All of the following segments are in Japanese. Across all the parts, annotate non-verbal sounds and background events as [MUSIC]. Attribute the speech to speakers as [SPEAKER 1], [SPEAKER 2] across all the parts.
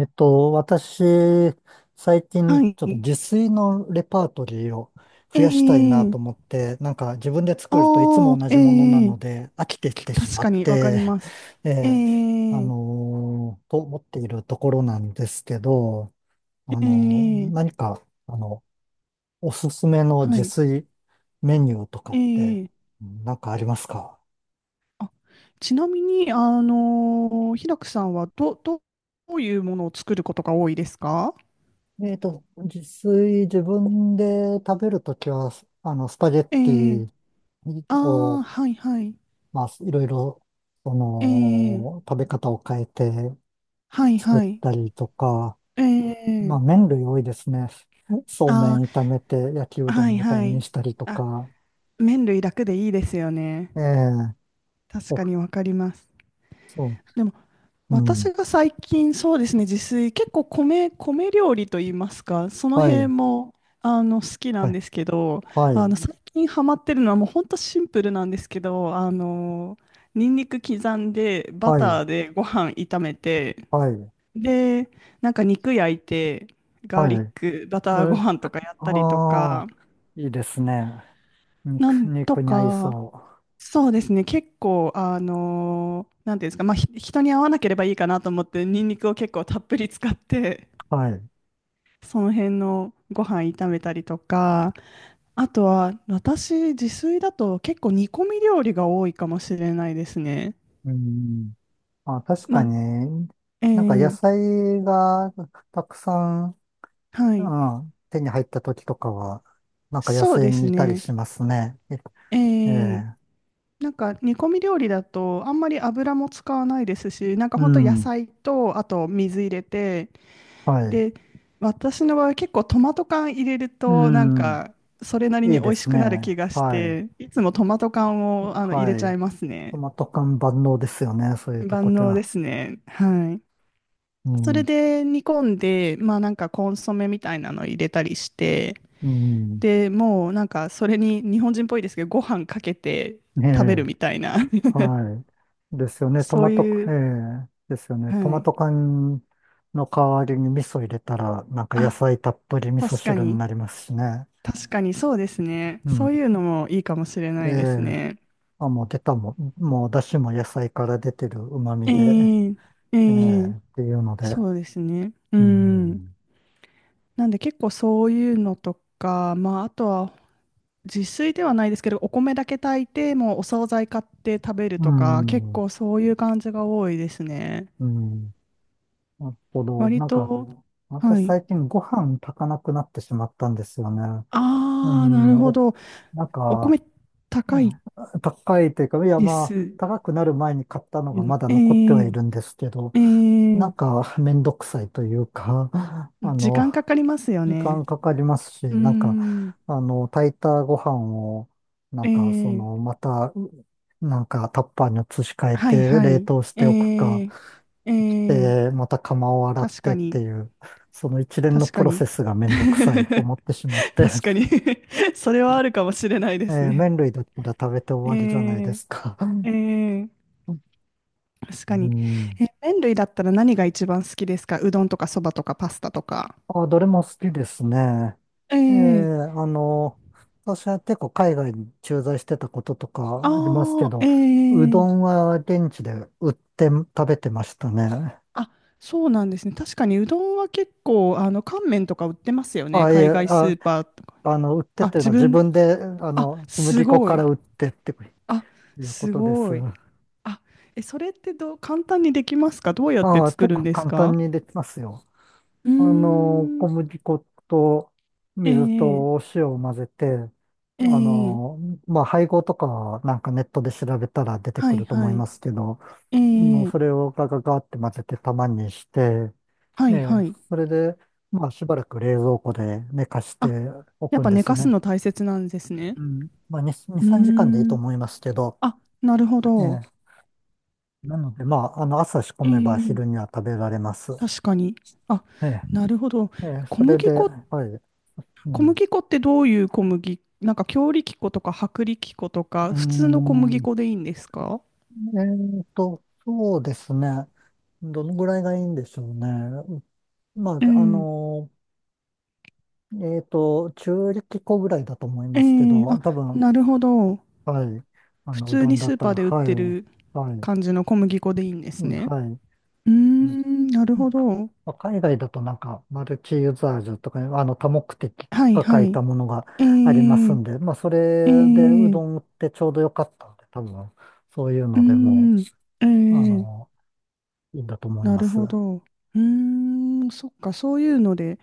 [SPEAKER 1] 私、最近、
[SPEAKER 2] は
[SPEAKER 1] ちょっと自
[SPEAKER 2] い。
[SPEAKER 1] 炊のレパートリーを増やしたいな
[SPEAKER 2] ええ
[SPEAKER 1] と思って、なんか自分で作るといつ
[SPEAKER 2] あ
[SPEAKER 1] も
[SPEAKER 2] あ、
[SPEAKER 1] 同じものな
[SPEAKER 2] え
[SPEAKER 1] の
[SPEAKER 2] え
[SPEAKER 1] で飽きてきてし
[SPEAKER 2] 確
[SPEAKER 1] ま
[SPEAKER 2] か
[SPEAKER 1] っ
[SPEAKER 2] にわかり
[SPEAKER 1] て、
[SPEAKER 2] ます。
[SPEAKER 1] [LAUGHS] え
[SPEAKER 2] え
[SPEAKER 1] え
[SPEAKER 2] え
[SPEAKER 1] と思っているところなんですけど、
[SPEAKER 2] ええ
[SPEAKER 1] 何か、あの、おすすめの
[SPEAKER 2] は
[SPEAKER 1] 自
[SPEAKER 2] い。
[SPEAKER 1] 炊メニューとかって、
[SPEAKER 2] ええ
[SPEAKER 1] うんなんかありますか？
[SPEAKER 2] あ、ちなみに、ひらくさんはどういうものを作ることが多いですか？
[SPEAKER 1] 自炊、自分で食べるときは、スパゲッ
[SPEAKER 2] え
[SPEAKER 1] テ
[SPEAKER 2] え
[SPEAKER 1] ィ
[SPEAKER 2] ああー、
[SPEAKER 1] を、
[SPEAKER 2] はいはい。
[SPEAKER 1] まあ、いろいろ、そ
[SPEAKER 2] え
[SPEAKER 1] の、
[SPEAKER 2] え
[SPEAKER 1] 食べ方を変えて
[SPEAKER 2] はい
[SPEAKER 1] 作っ
[SPEAKER 2] はい。
[SPEAKER 1] たりとか、ま
[SPEAKER 2] え
[SPEAKER 1] あ、
[SPEAKER 2] え
[SPEAKER 1] 麺類多いですね。[LAUGHS] そうめ
[SPEAKER 2] あ
[SPEAKER 1] ん炒めて焼きう
[SPEAKER 2] あー、
[SPEAKER 1] ど
[SPEAKER 2] は
[SPEAKER 1] ん
[SPEAKER 2] い
[SPEAKER 1] みたい
[SPEAKER 2] は
[SPEAKER 1] に
[SPEAKER 2] い。
[SPEAKER 1] したりと
[SPEAKER 2] あ、
[SPEAKER 1] か。
[SPEAKER 2] 麺類楽でいいですよね。
[SPEAKER 1] ええ、
[SPEAKER 2] 確
[SPEAKER 1] お、
[SPEAKER 2] かにわかります。
[SPEAKER 1] そ
[SPEAKER 2] でも、
[SPEAKER 1] う、うん、
[SPEAKER 2] 私が最近、そうですね、自炊結構米料理といいますか、その
[SPEAKER 1] は
[SPEAKER 2] 辺
[SPEAKER 1] い、
[SPEAKER 2] も好きな
[SPEAKER 1] は
[SPEAKER 2] ん
[SPEAKER 1] い、
[SPEAKER 2] ですけど、
[SPEAKER 1] はい、
[SPEAKER 2] 最近ハマってるのはもう本当シンプルなんですけど、ニンニク刻んでバ
[SPEAKER 1] はい、
[SPEAKER 2] ターでご飯炒めて、
[SPEAKER 1] はい、
[SPEAKER 2] で、なんか肉焼いて、ガーリ
[SPEAKER 1] は
[SPEAKER 2] ッ
[SPEAKER 1] い。
[SPEAKER 2] クバターご
[SPEAKER 1] え、
[SPEAKER 2] 飯とかやったりと
[SPEAKER 1] ああ、
[SPEAKER 2] か、
[SPEAKER 1] いいですね。
[SPEAKER 2] な
[SPEAKER 1] 肉、
[SPEAKER 2] んと
[SPEAKER 1] 肉に合い
[SPEAKER 2] か。
[SPEAKER 1] そ
[SPEAKER 2] そうですね。結構、なんていうんですか、まあ、人に合わなければいいかなと思って、ニンニクを結構たっぷり使って、
[SPEAKER 1] う。はい。
[SPEAKER 2] [LAUGHS] その辺のご飯炒めたりとか、あとは、私、自炊だと結構煮込み料理が多いかもしれないですね。
[SPEAKER 1] うん。あ、確
[SPEAKER 2] ま
[SPEAKER 1] か
[SPEAKER 2] あ、
[SPEAKER 1] に、
[SPEAKER 2] え
[SPEAKER 1] なんか野
[SPEAKER 2] ー
[SPEAKER 1] 菜がたくさん、
[SPEAKER 2] はい。
[SPEAKER 1] ああ、手に入った時とかは、なんか野
[SPEAKER 2] そう
[SPEAKER 1] 生
[SPEAKER 2] です
[SPEAKER 1] にいたり
[SPEAKER 2] ね。
[SPEAKER 1] しますね。
[SPEAKER 2] え
[SPEAKER 1] え
[SPEAKER 2] ー
[SPEAKER 1] え、
[SPEAKER 2] なんか煮込み料理だとあんまり油も使わないですし、なんか
[SPEAKER 1] う
[SPEAKER 2] ほんと野
[SPEAKER 1] ん、
[SPEAKER 2] 菜とあと水入れて、
[SPEAKER 1] はい。
[SPEAKER 2] で、私の場合結構トマト缶入れる
[SPEAKER 1] う
[SPEAKER 2] となん
[SPEAKER 1] ん、
[SPEAKER 2] かそれなり
[SPEAKER 1] い
[SPEAKER 2] に
[SPEAKER 1] い
[SPEAKER 2] 美
[SPEAKER 1] で
[SPEAKER 2] 味し
[SPEAKER 1] す
[SPEAKER 2] くなる気
[SPEAKER 1] ね。
[SPEAKER 2] がし
[SPEAKER 1] はい。
[SPEAKER 2] て、いつもトマト缶
[SPEAKER 1] と
[SPEAKER 2] を入
[SPEAKER 1] は
[SPEAKER 2] れちゃ
[SPEAKER 1] い。
[SPEAKER 2] います
[SPEAKER 1] ト
[SPEAKER 2] ね。
[SPEAKER 1] マト缶万能ですよね、そういうとこ
[SPEAKER 2] 万
[SPEAKER 1] で
[SPEAKER 2] 能で
[SPEAKER 1] は。
[SPEAKER 2] すね。はい。
[SPEAKER 1] う
[SPEAKER 2] それ
[SPEAKER 1] ん、
[SPEAKER 2] で煮込んで、まあなんかコンソメみたいなの入れたりして、
[SPEAKER 1] うん、
[SPEAKER 2] で、もうなんかそれに日本人っぽいですけど、ご飯かけて
[SPEAKER 1] ねえ、
[SPEAKER 2] 食べるみたいな、
[SPEAKER 1] はい。ですよ
[SPEAKER 2] [LAUGHS]
[SPEAKER 1] ね、ト
[SPEAKER 2] そ
[SPEAKER 1] マ
[SPEAKER 2] う
[SPEAKER 1] ト、
[SPEAKER 2] い
[SPEAKER 1] え
[SPEAKER 2] う、
[SPEAKER 1] え、ですよね。ト
[SPEAKER 2] は
[SPEAKER 1] マ
[SPEAKER 2] い。
[SPEAKER 1] ト缶の代わりに味噌入れたら、なんか野
[SPEAKER 2] あ、
[SPEAKER 1] 菜たっぷり味噌
[SPEAKER 2] 確か
[SPEAKER 1] 汁に
[SPEAKER 2] に、
[SPEAKER 1] なりますしね。
[SPEAKER 2] 確かにそうですね。
[SPEAKER 1] う
[SPEAKER 2] そ
[SPEAKER 1] ん、
[SPEAKER 2] ういうのもいいかもしれ
[SPEAKER 1] え
[SPEAKER 2] ないです
[SPEAKER 1] え
[SPEAKER 2] ね。
[SPEAKER 1] あ、もう出たもん、もう出汁も野菜から出てる旨味
[SPEAKER 2] え
[SPEAKER 1] で、
[SPEAKER 2] ええ
[SPEAKER 1] え
[SPEAKER 2] え
[SPEAKER 1] えっていうので、
[SPEAKER 2] そうですね。う
[SPEAKER 1] う
[SPEAKER 2] ん。
[SPEAKER 1] ん、
[SPEAKER 2] なんで、結構そういうのとか、まあ、あとは自炊ではないですけど、お米だけ炊いて、もうお惣菜買って食べる
[SPEAKER 1] う
[SPEAKER 2] とか、結
[SPEAKER 1] ん、
[SPEAKER 2] 構そういう感じが多いですね。
[SPEAKER 1] うん、なるほど。
[SPEAKER 2] 割
[SPEAKER 1] なんか、
[SPEAKER 2] と、
[SPEAKER 1] 私
[SPEAKER 2] はい。
[SPEAKER 1] 最近ご飯炊かなくなってしまったんですよね。う
[SPEAKER 2] ああ、な
[SPEAKER 1] ん、
[SPEAKER 2] るほど。
[SPEAKER 1] なん
[SPEAKER 2] お
[SPEAKER 1] か、
[SPEAKER 2] 米
[SPEAKER 1] う
[SPEAKER 2] 高い
[SPEAKER 1] ん、高いというか、いや
[SPEAKER 2] です
[SPEAKER 1] ま
[SPEAKER 2] よ
[SPEAKER 1] あ、高くなる前に買ったのが
[SPEAKER 2] ね。
[SPEAKER 1] まだ
[SPEAKER 2] え
[SPEAKER 1] 残ってはい
[SPEAKER 2] え
[SPEAKER 1] るんですけど、
[SPEAKER 2] え
[SPEAKER 1] な
[SPEAKER 2] え
[SPEAKER 1] んかめんどくさいというか、あ
[SPEAKER 2] 時
[SPEAKER 1] の、
[SPEAKER 2] 間かかりますよ
[SPEAKER 1] 時
[SPEAKER 2] ね。
[SPEAKER 1] 間かかりますし、
[SPEAKER 2] うー
[SPEAKER 1] なんか、
[SPEAKER 2] ん。
[SPEAKER 1] 炊いたご飯を、な
[SPEAKER 2] え
[SPEAKER 1] んか、その、
[SPEAKER 2] え
[SPEAKER 1] また、なんか、タッパーに移し替え
[SPEAKER 2] はい
[SPEAKER 1] て、
[SPEAKER 2] は
[SPEAKER 1] 冷
[SPEAKER 2] い。
[SPEAKER 1] 凍し
[SPEAKER 2] え
[SPEAKER 1] ておくか、
[SPEAKER 2] ー、えー、
[SPEAKER 1] で、また釜を洗っ
[SPEAKER 2] 確
[SPEAKER 1] て
[SPEAKER 2] か
[SPEAKER 1] って
[SPEAKER 2] に、
[SPEAKER 1] いう、その一連の
[SPEAKER 2] 確
[SPEAKER 1] プ
[SPEAKER 2] か
[SPEAKER 1] ロ
[SPEAKER 2] に。
[SPEAKER 1] セスがめんどくさいと
[SPEAKER 2] [LAUGHS]
[SPEAKER 1] 思ってしまって、
[SPEAKER 2] 確か
[SPEAKER 1] [LAUGHS]
[SPEAKER 2] に [LAUGHS] それはあるかもしれないですね。
[SPEAKER 1] 麺類だったら食べて終
[SPEAKER 2] え
[SPEAKER 1] わりじゃないで
[SPEAKER 2] ー、
[SPEAKER 1] すか。
[SPEAKER 2] えー、確
[SPEAKER 1] う
[SPEAKER 2] かに。
[SPEAKER 1] ん。
[SPEAKER 2] 麺類だったら何が一番好きですか？うどんとかそばとかパスタとか。
[SPEAKER 1] あ、どれも好きですね。
[SPEAKER 2] え
[SPEAKER 1] ええ、
[SPEAKER 2] ー、
[SPEAKER 1] あの、私は結構海外に駐在してたことと
[SPEAKER 2] あ
[SPEAKER 1] かありますけ
[SPEAKER 2] ー、
[SPEAKER 1] ど、
[SPEAKER 2] え
[SPEAKER 1] うど
[SPEAKER 2] ー、
[SPEAKER 1] んは現地で売って食べてましたね。
[SPEAKER 2] あ、そうなんですね。確かにうどんは結構、乾麺とか売ってますよね。
[SPEAKER 1] あ、いえ、
[SPEAKER 2] 海外スーパーとか。
[SPEAKER 1] 売って
[SPEAKER 2] あ、
[SPEAKER 1] というの
[SPEAKER 2] 自
[SPEAKER 1] は自
[SPEAKER 2] 分、
[SPEAKER 1] 分で、
[SPEAKER 2] あ、
[SPEAKER 1] 小
[SPEAKER 2] す
[SPEAKER 1] 麦粉
[SPEAKER 2] ご
[SPEAKER 1] か
[SPEAKER 2] い。
[SPEAKER 1] ら売ってって
[SPEAKER 2] あ、
[SPEAKER 1] いうこ
[SPEAKER 2] す
[SPEAKER 1] とです。
[SPEAKER 2] ごい。あ、それってどう、簡単にできますか？どうやって
[SPEAKER 1] ああ、
[SPEAKER 2] 作
[SPEAKER 1] 結
[SPEAKER 2] るん
[SPEAKER 1] 構
[SPEAKER 2] です
[SPEAKER 1] 簡
[SPEAKER 2] か？
[SPEAKER 1] 単にできますよ。
[SPEAKER 2] うーん、
[SPEAKER 1] 小麦粉と
[SPEAKER 2] え
[SPEAKER 1] 水
[SPEAKER 2] え、
[SPEAKER 1] とお塩を混ぜて、
[SPEAKER 2] え
[SPEAKER 1] あ
[SPEAKER 2] え、
[SPEAKER 1] の、まあ、配合とかはなんかネットで調べたら出て
[SPEAKER 2] は
[SPEAKER 1] く
[SPEAKER 2] い
[SPEAKER 1] ると
[SPEAKER 2] は
[SPEAKER 1] 思い
[SPEAKER 2] い。
[SPEAKER 1] ますけど、
[SPEAKER 2] ええ、
[SPEAKER 1] それをガガガって混ぜて玉にして、
[SPEAKER 2] はいはい。
[SPEAKER 1] それで、まあ、しばらく冷蔵庫で寝かして
[SPEAKER 2] あ、
[SPEAKER 1] お
[SPEAKER 2] やっ
[SPEAKER 1] くん
[SPEAKER 2] ぱ
[SPEAKER 1] で
[SPEAKER 2] 寝
[SPEAKER 1] すよ
[SPEAKER 2] かす
[SPEAKER 1] ね。
[SPEAKER 2] の大切なんですね。
[SPEAKER 1] うん。まあ、2、2、
[SPEAKER 2] うー
[SPEAKER 1] 3時間でいいと
[SPEAKER 2] ん、
[SPEAKER 1] 思いますけど、
[SPEAKER 2] あ、なるほ
[SPEAKER 1] え
[SPEAKER 2] ど。
[SPEAKER 1] なので、まあ、朝仕込
[SPEAKER 2] え
[SPEAKER 1] めば
[SPEAKER 2] え、
[SPEAKER 1] 昼には食べられます。
[SPEAKER 2] 確かに。あ、
[SPEAKER 1] え
[SPEAKER 2] なるほど。小
[SPEAKER 1] それで、
[SPEAKER 2] 麦粉、
[SPEAKER 1] はい。う
[SPEAKER 2] 小
[SPEAKER 1] ん。
[SPEAKER 2] 麦粉ってどういう小麦、なんか強力粉とか薄力粉と
[SPEAKER 1] う
[SPEAKER 2] か、
[SPEAKER 1] ー
[SPEAKER 2] 普通の小麦
[SPEAKER 1] ん。
[SPEAKER 2] 粉でいいんですか？
[SPEAKER 1] えそうですね。どのぐらいがいいんでしょうね。ま
[SPEAKER 2] う
[SPEAKER 1] あ、
[SPEAKER 2] ん、
[SPEAKER 1] 中力粉ぐらいだと思い
[SPEAKER 2] え
[SPEAKER 1] ますけ
[SPEAKER 2] え、
[SPEAKER 1] ど、
[SPEAKER 2] あ、
[SPEAKER 1] 多分。
[SPEAKER 2] なるほど。
[SPEAKER 1] はい。
[SPEAKER 2] 普
[SPEAKER 1] う
[SPEAKER 2] 通
[SPEAKER 1] どん
[SPEAKER 2] に
[SPEAKER 1] だ
[SPEAKER 2] ス
[SPEAKER 1] っ
[SPEAKER 2] ー
[SPEAKER 1] た
[SPEAKER 2] パー
[SPEAKER 1] ら、
[SPEAKER 2] で売っ
[SPEAKER 1] はい、
[SPEAKER 2] てる
[SPEAKER 1] はい、
[SPEAKER 2] 感じの小麦粉でいいんです
[SPEAKER 1] うん
[SPEAKER 2] ね。
[SPEAKER 1] はい。
[SPEAKER 2] うー
[SPEAKER 1] うん、
[SPEAKER 2] ん、なるほど。
[SPEAKER 1] まあ海外だとなんか、マルチユーザージュとか、多目的
[SPEAKER 2] はい
[SPEAKER 1] とか書
[SPEAKER 2] は
[SPEAKER 1] いた
[SPEAKER 2] い。
[SPEAKER 1] ものが
[SPEAKER 2] え
[SPEAKER 1] あります
[SPEAKER 2] ー、
[SPEAKER 1] んで、まあ、そ
[SPEAKER 2] え
[SPEAKER 1] れでう
[SPEAKER 2] ー、
[SPEAKER 1] どん売ってちょうどよかったんで、多分、そういう
[SPEAKER 2] う
[SPEAKER 1] の
[SPEAKER 2] ー
[SPEAKER 1] でも
[SPEAKER 2] ん、え
[SPEAKER 1] う、
[SPEAKER 2] ー、
[SPEAKER 1] いいんだと思い
[SPEAKER 2] な
[SPEAKER 1] ま
[SPEAKER 2] る
[SPEAKER 1] す。
[SPEAKER 2] ほど。うーん、そっか、そういうので。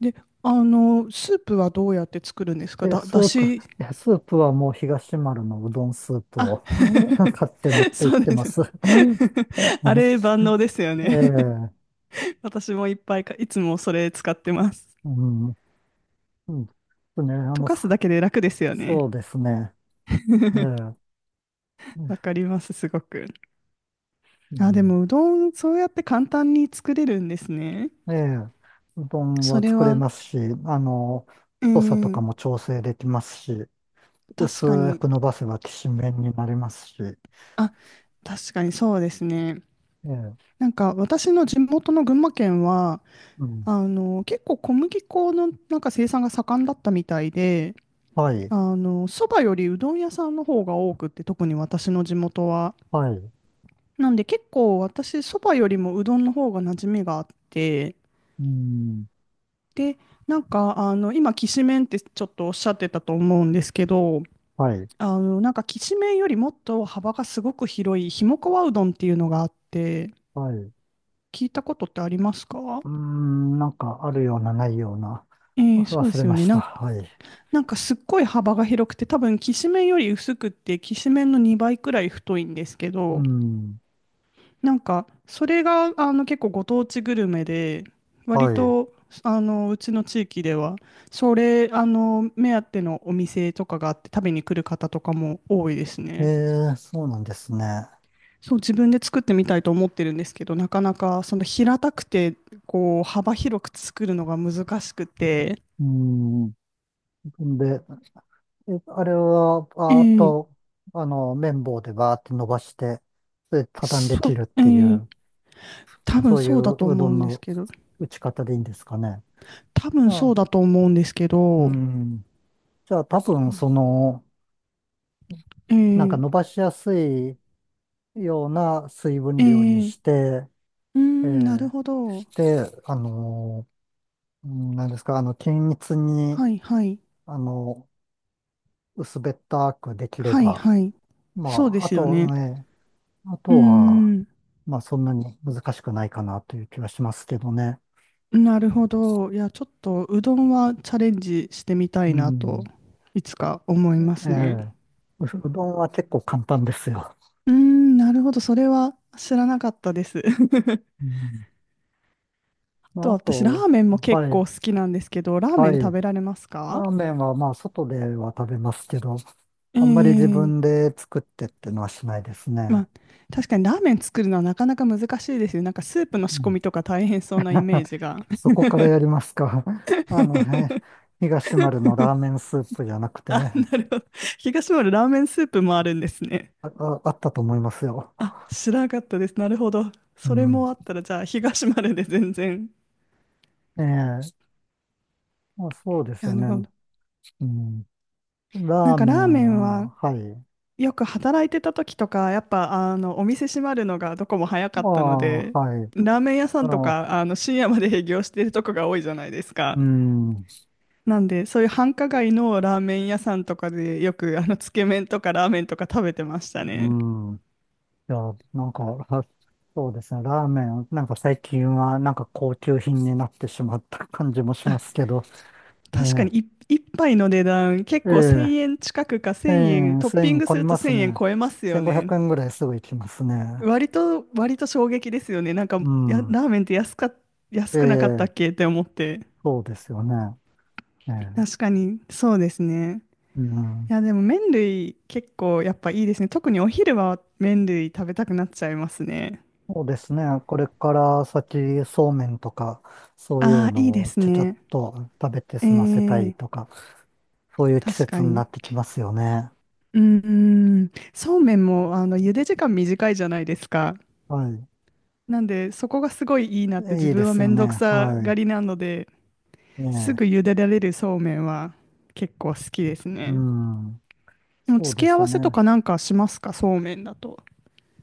[SPEAKER 2] で、スープはどうやって作るんです
[SPEAKER 1] い
[SPEAKER 2] か？
[SPEAKER 1] や、ス
[SPEAKER 2] だ
[SPEAKER 1] ープ、い
[SPEAKER 2] し、
[SPEAKER 1] や、スープはもう東丸のうどんスープ
[SPEAKER 2] あ、
[SPEAKER 1] を [LAUGHS] 買って持っ
[SPEAKER 2] [LAUGHS]
[SPEAKER 1] て行
[SPEAKER 2] そ
[SPEAKER 1] っ
[SPEAKER 2] う
[SPEAKER 1] て
[SPEAKER 2] で
[SPEAKER 1] ま
[SPEAKER 2] す。
[SPEAKER 1] す。[LAUGHS]
[SPEAKER 2] [LAUGHS] あれ万能ですよね。
[SPEAKER 1] ええ、
[SPEAKER 2] [LAUGHS] 私もいっぱいか、いつもそれ使ってます。
[SPEAKER 1] うん、うん、ですね、
[SPEAKER 2] 溶か
[SPEAKER 1] そ
[SPEAKER 2] すだけで楽ですよね。
[SPEAKER 1] そうですね。え
[SPEAKER 2] [LAUGHS]
[SPEAKER 1] え、う
[SPEAKER 2] わかります、すごく。あ、でも、う
[SPEAKER 1] ん、
[SPEAKER 2] どん、そうやって簡単に作れるんですね。
[SPEAKER 1] ええ、うどん
[SPEAKER 2] そ
[SPEAKER 1] は
[SPEAKER 2] れ
[SPEAKER 1] 作れ
[SPEAKER 2] は、
[SPEAKER 1] ますし、あの、
[SPEAKER 2] う
[SPEAKER 1] 太さとか
[SPEAKER 2] ん、
[SPEAKER 1] も調整できますし、
[SPEAKER 2] 確か
[SPEAKER 1] 薄
[SPEAKER 2] に、
[SPEAKER 1] く伸ばせばきしめんになりますし、え
[SPEAKER 2] あ、確かにそうですね。
[SPEAKER 1] え、
[SPEAKER 2] なんか、私の地元の群馬県は、
[SPEAKER 1] うん、
[SPEAKER 2] 結構小麦粉のなんか生産が盛んだったみたいで、
[SPEAKER 1] はい、
[SPEAKER 2] そばよりうどん屋さんの方が多くって、特に私の地元は。
[SPEAKER 1] はい、
[SPEAKER 2] なんで、結構私、そばよりもうどんの方が馴染みがあって、
[SPEAKER 1] うん、
[SPEAKER 2] で、なんか、今、きしめんってちょっとおっしゃってたと思うんですけど、
[SPEAKER 1] はい、
[SPEAKER 2] なんか、きしめんよりもっと幅がすごく広い、ひもかわうどんっていうのがあって、
[SPEAKER 1] はい。
[SPEAKER 2] 聞いたことってありますか？
[SPEAKER 1] うーん、なんかあるようなないような。
[SPEAKER 2] そう
[SPEAKER 1] 忘
[SPEAKER 2] で
[SPEAKER 1] れ
[SPEAKER 2] すよ
[SPEAKER 1] ま
[SPEAKER 2] ね。
[SPEAKER 1] した。はい。
[SPEAKER 2] なんか、すっごい幅が広くて、多分、きしめんより薄くって、きしめんの2倍くらい太いんですけ
[SPEAKER 1] う
[SPEAKER 2] ど、
[SPEAKER 1] ん。
[SPEAKER 2] なんか、それが、結構ご当地グルメで、
[SPEAKER 1] は
[SPEAKER 2] 割
[SPEAKER 1] い。
[SPEAKER 2] と、うちの地域では、それ、目当てのお店とかがあって、食べに来る方とかも多いです
[SPEAKER 1] え
[SPEAKER 2] ね。
[SPEAKER 1] そうなんですね。
[SPEAKER 2] そう、自分で作ってみたいと思ってるんですけど、なかなか、その平たくて、こう、幅広く作るのが難しくて、
[SPEAKER 1] うん。で、あれは、ああ
[SPEAKER 2] ええ
[SPEAKER 1] と、綿棒でバーって伸ばして、それで畳んで切
[SPEAKER 2] そ
[SPEAKER 1] るっ
[SPEAKER 2] う、え
[SPEAKER 1] ていう、
[SPEAKER 2] え多分
[SPEAKER 1] そうい
[SPEAKER 2] そうだと
[SPEAKER 1] うう
[SPEAKER 2] 思
[SPEAKER 1] ど
[SPEAKER 2] う
[SPEAKER 1] ん
[SPEAKER 2] んです
[SPEAKER 1] の
[SPEAKER 2] けど、
[SPEAKER 1] 打ち方でいいんですかね。
[SPEAKER 2] 多
[SPEAKER 1] じ
[SPEAKER 2] 分
[SPEAKER 1] ゃ
[SPEAKER 2] そう
[SPEAKER 1] あ、
[SPEAKER 2] だと思うんですけ
[SPEAKER 1] う
[SPEAKER 2] ど、
[SPEAKER 1] ん。じゃあ多分、その、なんか
[SPEAKER 2] ええ
[SPEAKER 1] 伸ばしやすいような水分量に
[SPEAKER 2] え
[SPEAKER 1] し
[SPEAKER 2] え
[SPEAKER 1] て、
[SPEAKER 2] うー
[SPEAKER 1] え
[SPEAKER 2] ん、なる
[SPEAKER 1] え
[SPEAKER 2] ほど。
[SPEAKER 1] で、うんなんですか、均一に、
[SPEAKER 2] はいはい。
[SPEAKER 1] あの、薄べったくできれ
[SPEAKER 2] はい
[SPEAKER 1] ば、
[SPEAKER 2] はい。
[SPEAKER 1] ま
[SPEAKER 2] そうで
[SPEAKER 1] あ。あ
[SPEAKER 2] すよ
[SPEAKER 1] と
[SPEAKER 2] ね。
[SPEAKER 1] ね、あ
[SPEAKER 2] うー
[SPEAKER 1] とは、
[SPEAKER 2] ん。
[SPEAKER 1] まあ、そんなに難しくないかなという気はしますけどね。
[SPEAKER 2] なるほど。いや、ちょっとうどんはチャレンジしてみたい
[SPEAKER 1] う
[SPEAKER 2] なと、
[SPEAKER 1] ん。
[SPEAKER 2] いつか思いま
[SPEAKER 1] え
[SPEAKER 2] す
[SPEAKER 1] え、
[SPEAKER 2] ね。
[SPEAKER 1] うどんは結構簡単ですよ。
[SPEAKER 2] うーん、なるほど。それは知らなかったです。[LAUGHS]
[SPEAKER 1] うん。
[SPEAKER 2] あ
[SPEAKER 1] まあ、
[SPEAKER 2] と
[SPEAKER 1] あ
[SPEAKER 2] 私、ラ
[SPEAKER 1] と、
[SPEAKER 2] ーメンも結
[SPEAKER 1] は
[SPEAKER 2] 構
[SPEAKER 1] い、
[SPEAKER 2] 好きなんですけど、ラーメ
[SPEAKER 1] はい。
[SPEAKER 2] ン食
[SPEAKER 1] ラ
[SPEAKER 2] べられますか？
[SPEAKER 1] ーメンは、まあ、外では食べますけど、
[SPEAKER 2] え
[SPEAKER 1] あんまり自
[SPEAKER 2] ー、
[SPEAKER 1] 分で作ってってのはしないです
[SPEAKER 2] ま
[SPEAKER 1] ね。
[SPEAKER 2] あ、確かにラーメン作るのはなかなか難しいですよね。なんかスープの
[SPEAKER 1] う
[SPEAKER 2] 仕込
[SPEAKER 1] ん。
[SPEAKER 2] みとか大変そうなイメー
[SPEAKER 1] [LAUGHS]
[SPEAKER 2] ジが。
[SPEAKER 1] そこからやりますか。[LAUGHS] あのね、
[SPEAKER 2] [LAUGHS]
[SPEAKER 1] 東丸のラーメンスープじゃなく
[SPEAKER 2] あ、
[SPEAKER 1] て。
[SPEAKER 2] なるほど。東丸ラーメンスープもあるんですね。
[SPEAKER 1] あ、あったと思いますよ。
[SPEAKER 2] あ、知らなかったです。なるほど。
[SPEAKER 1] う
[SPEAKER 2] それ
[SPEAKER 1] ん。
[SPEAKER 2] もあったら、じゃあ、東丸で全然。
[SPEAKER 1] ええ、まあ、そうです
[SPEAKER 2] な
[SPEAKER 1] よ
[SPEAKER 2] る
[SPEAKER 1] ね。
[SPEAKER 2] ほど。
[SPEAKER 1] うん。
[SPEAKER 2] なん
[SPEAKER 1] ラー
[SPEAKER 2] か
[SPEAKER 1] メ
[SPEAKER 2] ラー
[SPEAKER 1] ン
[SPEAKER 2] メンは、
[SPEAKER 1] は、はい。
[SPEAKER 2] よく働いてた時とか、やっぱ、お店閉まるのがどこも早
[SPEAKER 1] あ
[SPEAKER 2] かったので、
[SPEAKER 1] あ、はい。
[SPEAKER 2] ラーメン屋さ
[SPEAKER 1] あ
[SPEAKER 2] んと
[SPEAKER 1] の、
[SPEAKER 2] か、深夜まで営業してるとこが多いじゃないですか。
[SPEAKER 1] うん、
[SPEAKER 2] なんで、そういう繁華街のラーメン屋さんとかで、よく、つけ麺とかラーメンとか食べてました
[SPEAKER 1] う
[SPEAKER 2] ね。
[SPEAKER 1] ん。いや、なんか、あ、そうですね。ラーメン、なんか最近は、なんか高級品になってしまった感じもしますけど。え
[SPEAKER 2] 確かに
[SPEAKER 1] え、
[SPEAKER 2] 一杯の値段結
[SPEAKER 1] え
[SPEAKER 2] 構
[SPEAKER 1] え。
[SPEAKER 2] 1000円近くか
[SPEAKER 1] え
[SPEAKER 2] 1000円
[SPEAKER 1] え、
[SPEAKER 2] トッピン
[SPEAKER 1] 1000
[SPEAKER 2] グ
[SPEAKER 1] 超
[SPEAKER 2] す
[SPEAKER 1] え
[SPEAKER 2] る
[SPEAKER 1] ま
[SPEAKER 2] と
[SPEAKER 1] す
[SPEAKER 2] 1000円
[SPEAKER 1] ね。
[SPEAKER 2] 超えますよ
[SPEAKER 1] 1500
[SPEAKER 2] ね。
[SPEAKER 1] 円ぐらいすぐ行きますね。
[SPEAKER 2] 割と衝撃ですよね。なんか
[SPEAKER 1] うん。
[SPEAKER 2] ラーメンって
[SPEAKER 1] え
[SPEAKER 2] 安くなかった
[SPEAKER 1] え、
[SPEAKER 2] っけって思って、
[SPEAKER 1] そうですよね。ええ、
[SPEAKER 2] 確かにそうですね。
[SPEAKER 1] うん。
[SPEAKER 2] いやでも麺類結構やっぱいいですね。特にお昼は麺類食べたくなっちゃいますね。
[SPEAKER 1] そうですね。これから先、そうめんとか、そういう
[SPEAKER 2] ああいいで
[SPEAKER 1] のを
[SPEAKER 2] す
[SPEAKER 1] ちゃちゃっ
[SPEAKER 2] ね。
[SPEAKER 1] と食べて
[SPEAKER 2] え
[SPEAKER 1] 済ませたい
[SPEAKER 2] え
[SPEAKER 1] とか、そういう季
[SPEAKER 2] 確か
[SPEAKER 1] 節にな
[SPEAKER 2] に。
[SPEAKER 1] ってきますよね。
[SPEAKER 2] うんうん、そうめんも茹で時間短いじゃないですか。
[SPEAKER 1] はい。
[SPEAKER 2] なんで、そこがすごいいいなって、自
[SPEAKER 1] いいで
[SPEAKER 2] 分は
[SPEAKER 1] す
[SPEAKER 2] め
[SPEAKER 1] よ
[SPEAKER 2] んどく
[SPEAKER 1] ね。
[SPEAKER 2] さが
[SPEAKER 1] は
[SPEAKER 2] りなので、
[SPEAKER 1] い。え
[SPEAKER 2] すぐ
[SPEAKER 1] え、
[SPEAKER 2] 茹でられるそうめんは結構好きです
[SPEAKER 1] う
[SPEAKER 2] ね。
[SPEAKER 1] ん。
[SPEAKER 2] でも
[SPEAKER 1] そう
[SPEAKER 2] 付
[SPEAKER 1] で
[SPEAKER 2] け合
[SPEAKER 1] す
[SPEAKER 2] わ
[SPEAKER 1] よ
[SPEAKER 2] せと
[SPEAKER 1] ね。
[SPEAKER 2] かなんかしますか、そうめんだと？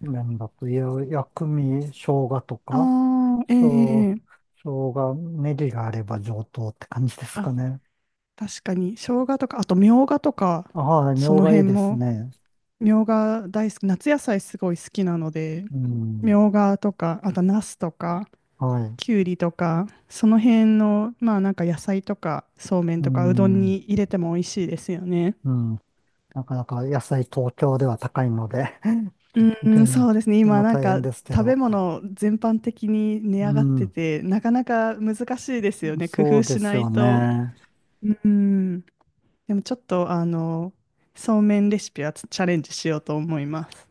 [SPEAKER 1] 麺だと、いや、薬味、生姜とか、
[SPEAKER 2] ああ、
[SPEAKER 1] 生、
[SPEAKER 2] ええ、
[SPEAKER 1] 生姜、ネギがあれば上等って感じですか
[SPEAKER 2] あ、
[SPEAKER 1] ね。
[SPEAKER 2] 確かに。生姜とか、あとみょうがとか、
[SPEAKER 1] あ、はい、み
[SPEAKER 2] そ
[SPEAKER 1] ょう
[SPEAKER 2] の
[SPEAKER 1] がい
[SPEAKER 2] 辺
[SPEAKER 1] いです
[SPEAKER 2] も、
[SPEAKER 1] ね。
[SPEAKER 2] みょうが大好き、夏野菜すごい好きなので、
[SPEAKER 1] う
[SPEAKER 2] み
[SPEAKER 1] ん。
[SPEAKER 2] ょうがとか、あとナスとか、
[SPEAKER 1] はい。
[SPEAKER 2] きゅうりとか、その辺の、まあなんか野菜とか、そうめん
[SPEAKER 1] う
[SPEAKER 2] とか、うどん
[SPEAKER 1] ん。
[SPEAKER 2] に入れても美味しいですよね。
[SPEAKER 1] うん。なかなか野菜東京では高いので、 [LAUGHS] で、
[SPEAKER 2] うん、そうですね。
[SPEAKER 1] で、
[SPEAKER 2] 今、
[SPEAKER 1] も
[SPEAKER 2] なん
[SPEAKER 1] 大変
[SPEAKER 2] か
[SPEAKER 1] ですけ
[SPEAKER 2] 食べ
[SPEAKER 1] ど。
[SPEAKER 2] 物全般的に値
[SPEAKER 1] う
[SPEAKER 2] 上がって
[SPEAKER 1] ん。
[SPEAKER 2] て、なかなか難しいですよね。工
[SPEAKER 1] そう
[SPEAKER 2] 夫
[SPEAKER 1] で
[SPEAKER 2] し
[SPEAKER 1] す
[SPEAKER 2] ない
[SPEAKER 1] よ
[SPEAKER 2] と。
[SPEAKER 1] ね。
[SPEAKER 2] うん。でもちょっと、そうめんレシピはチャレンジしようと思います。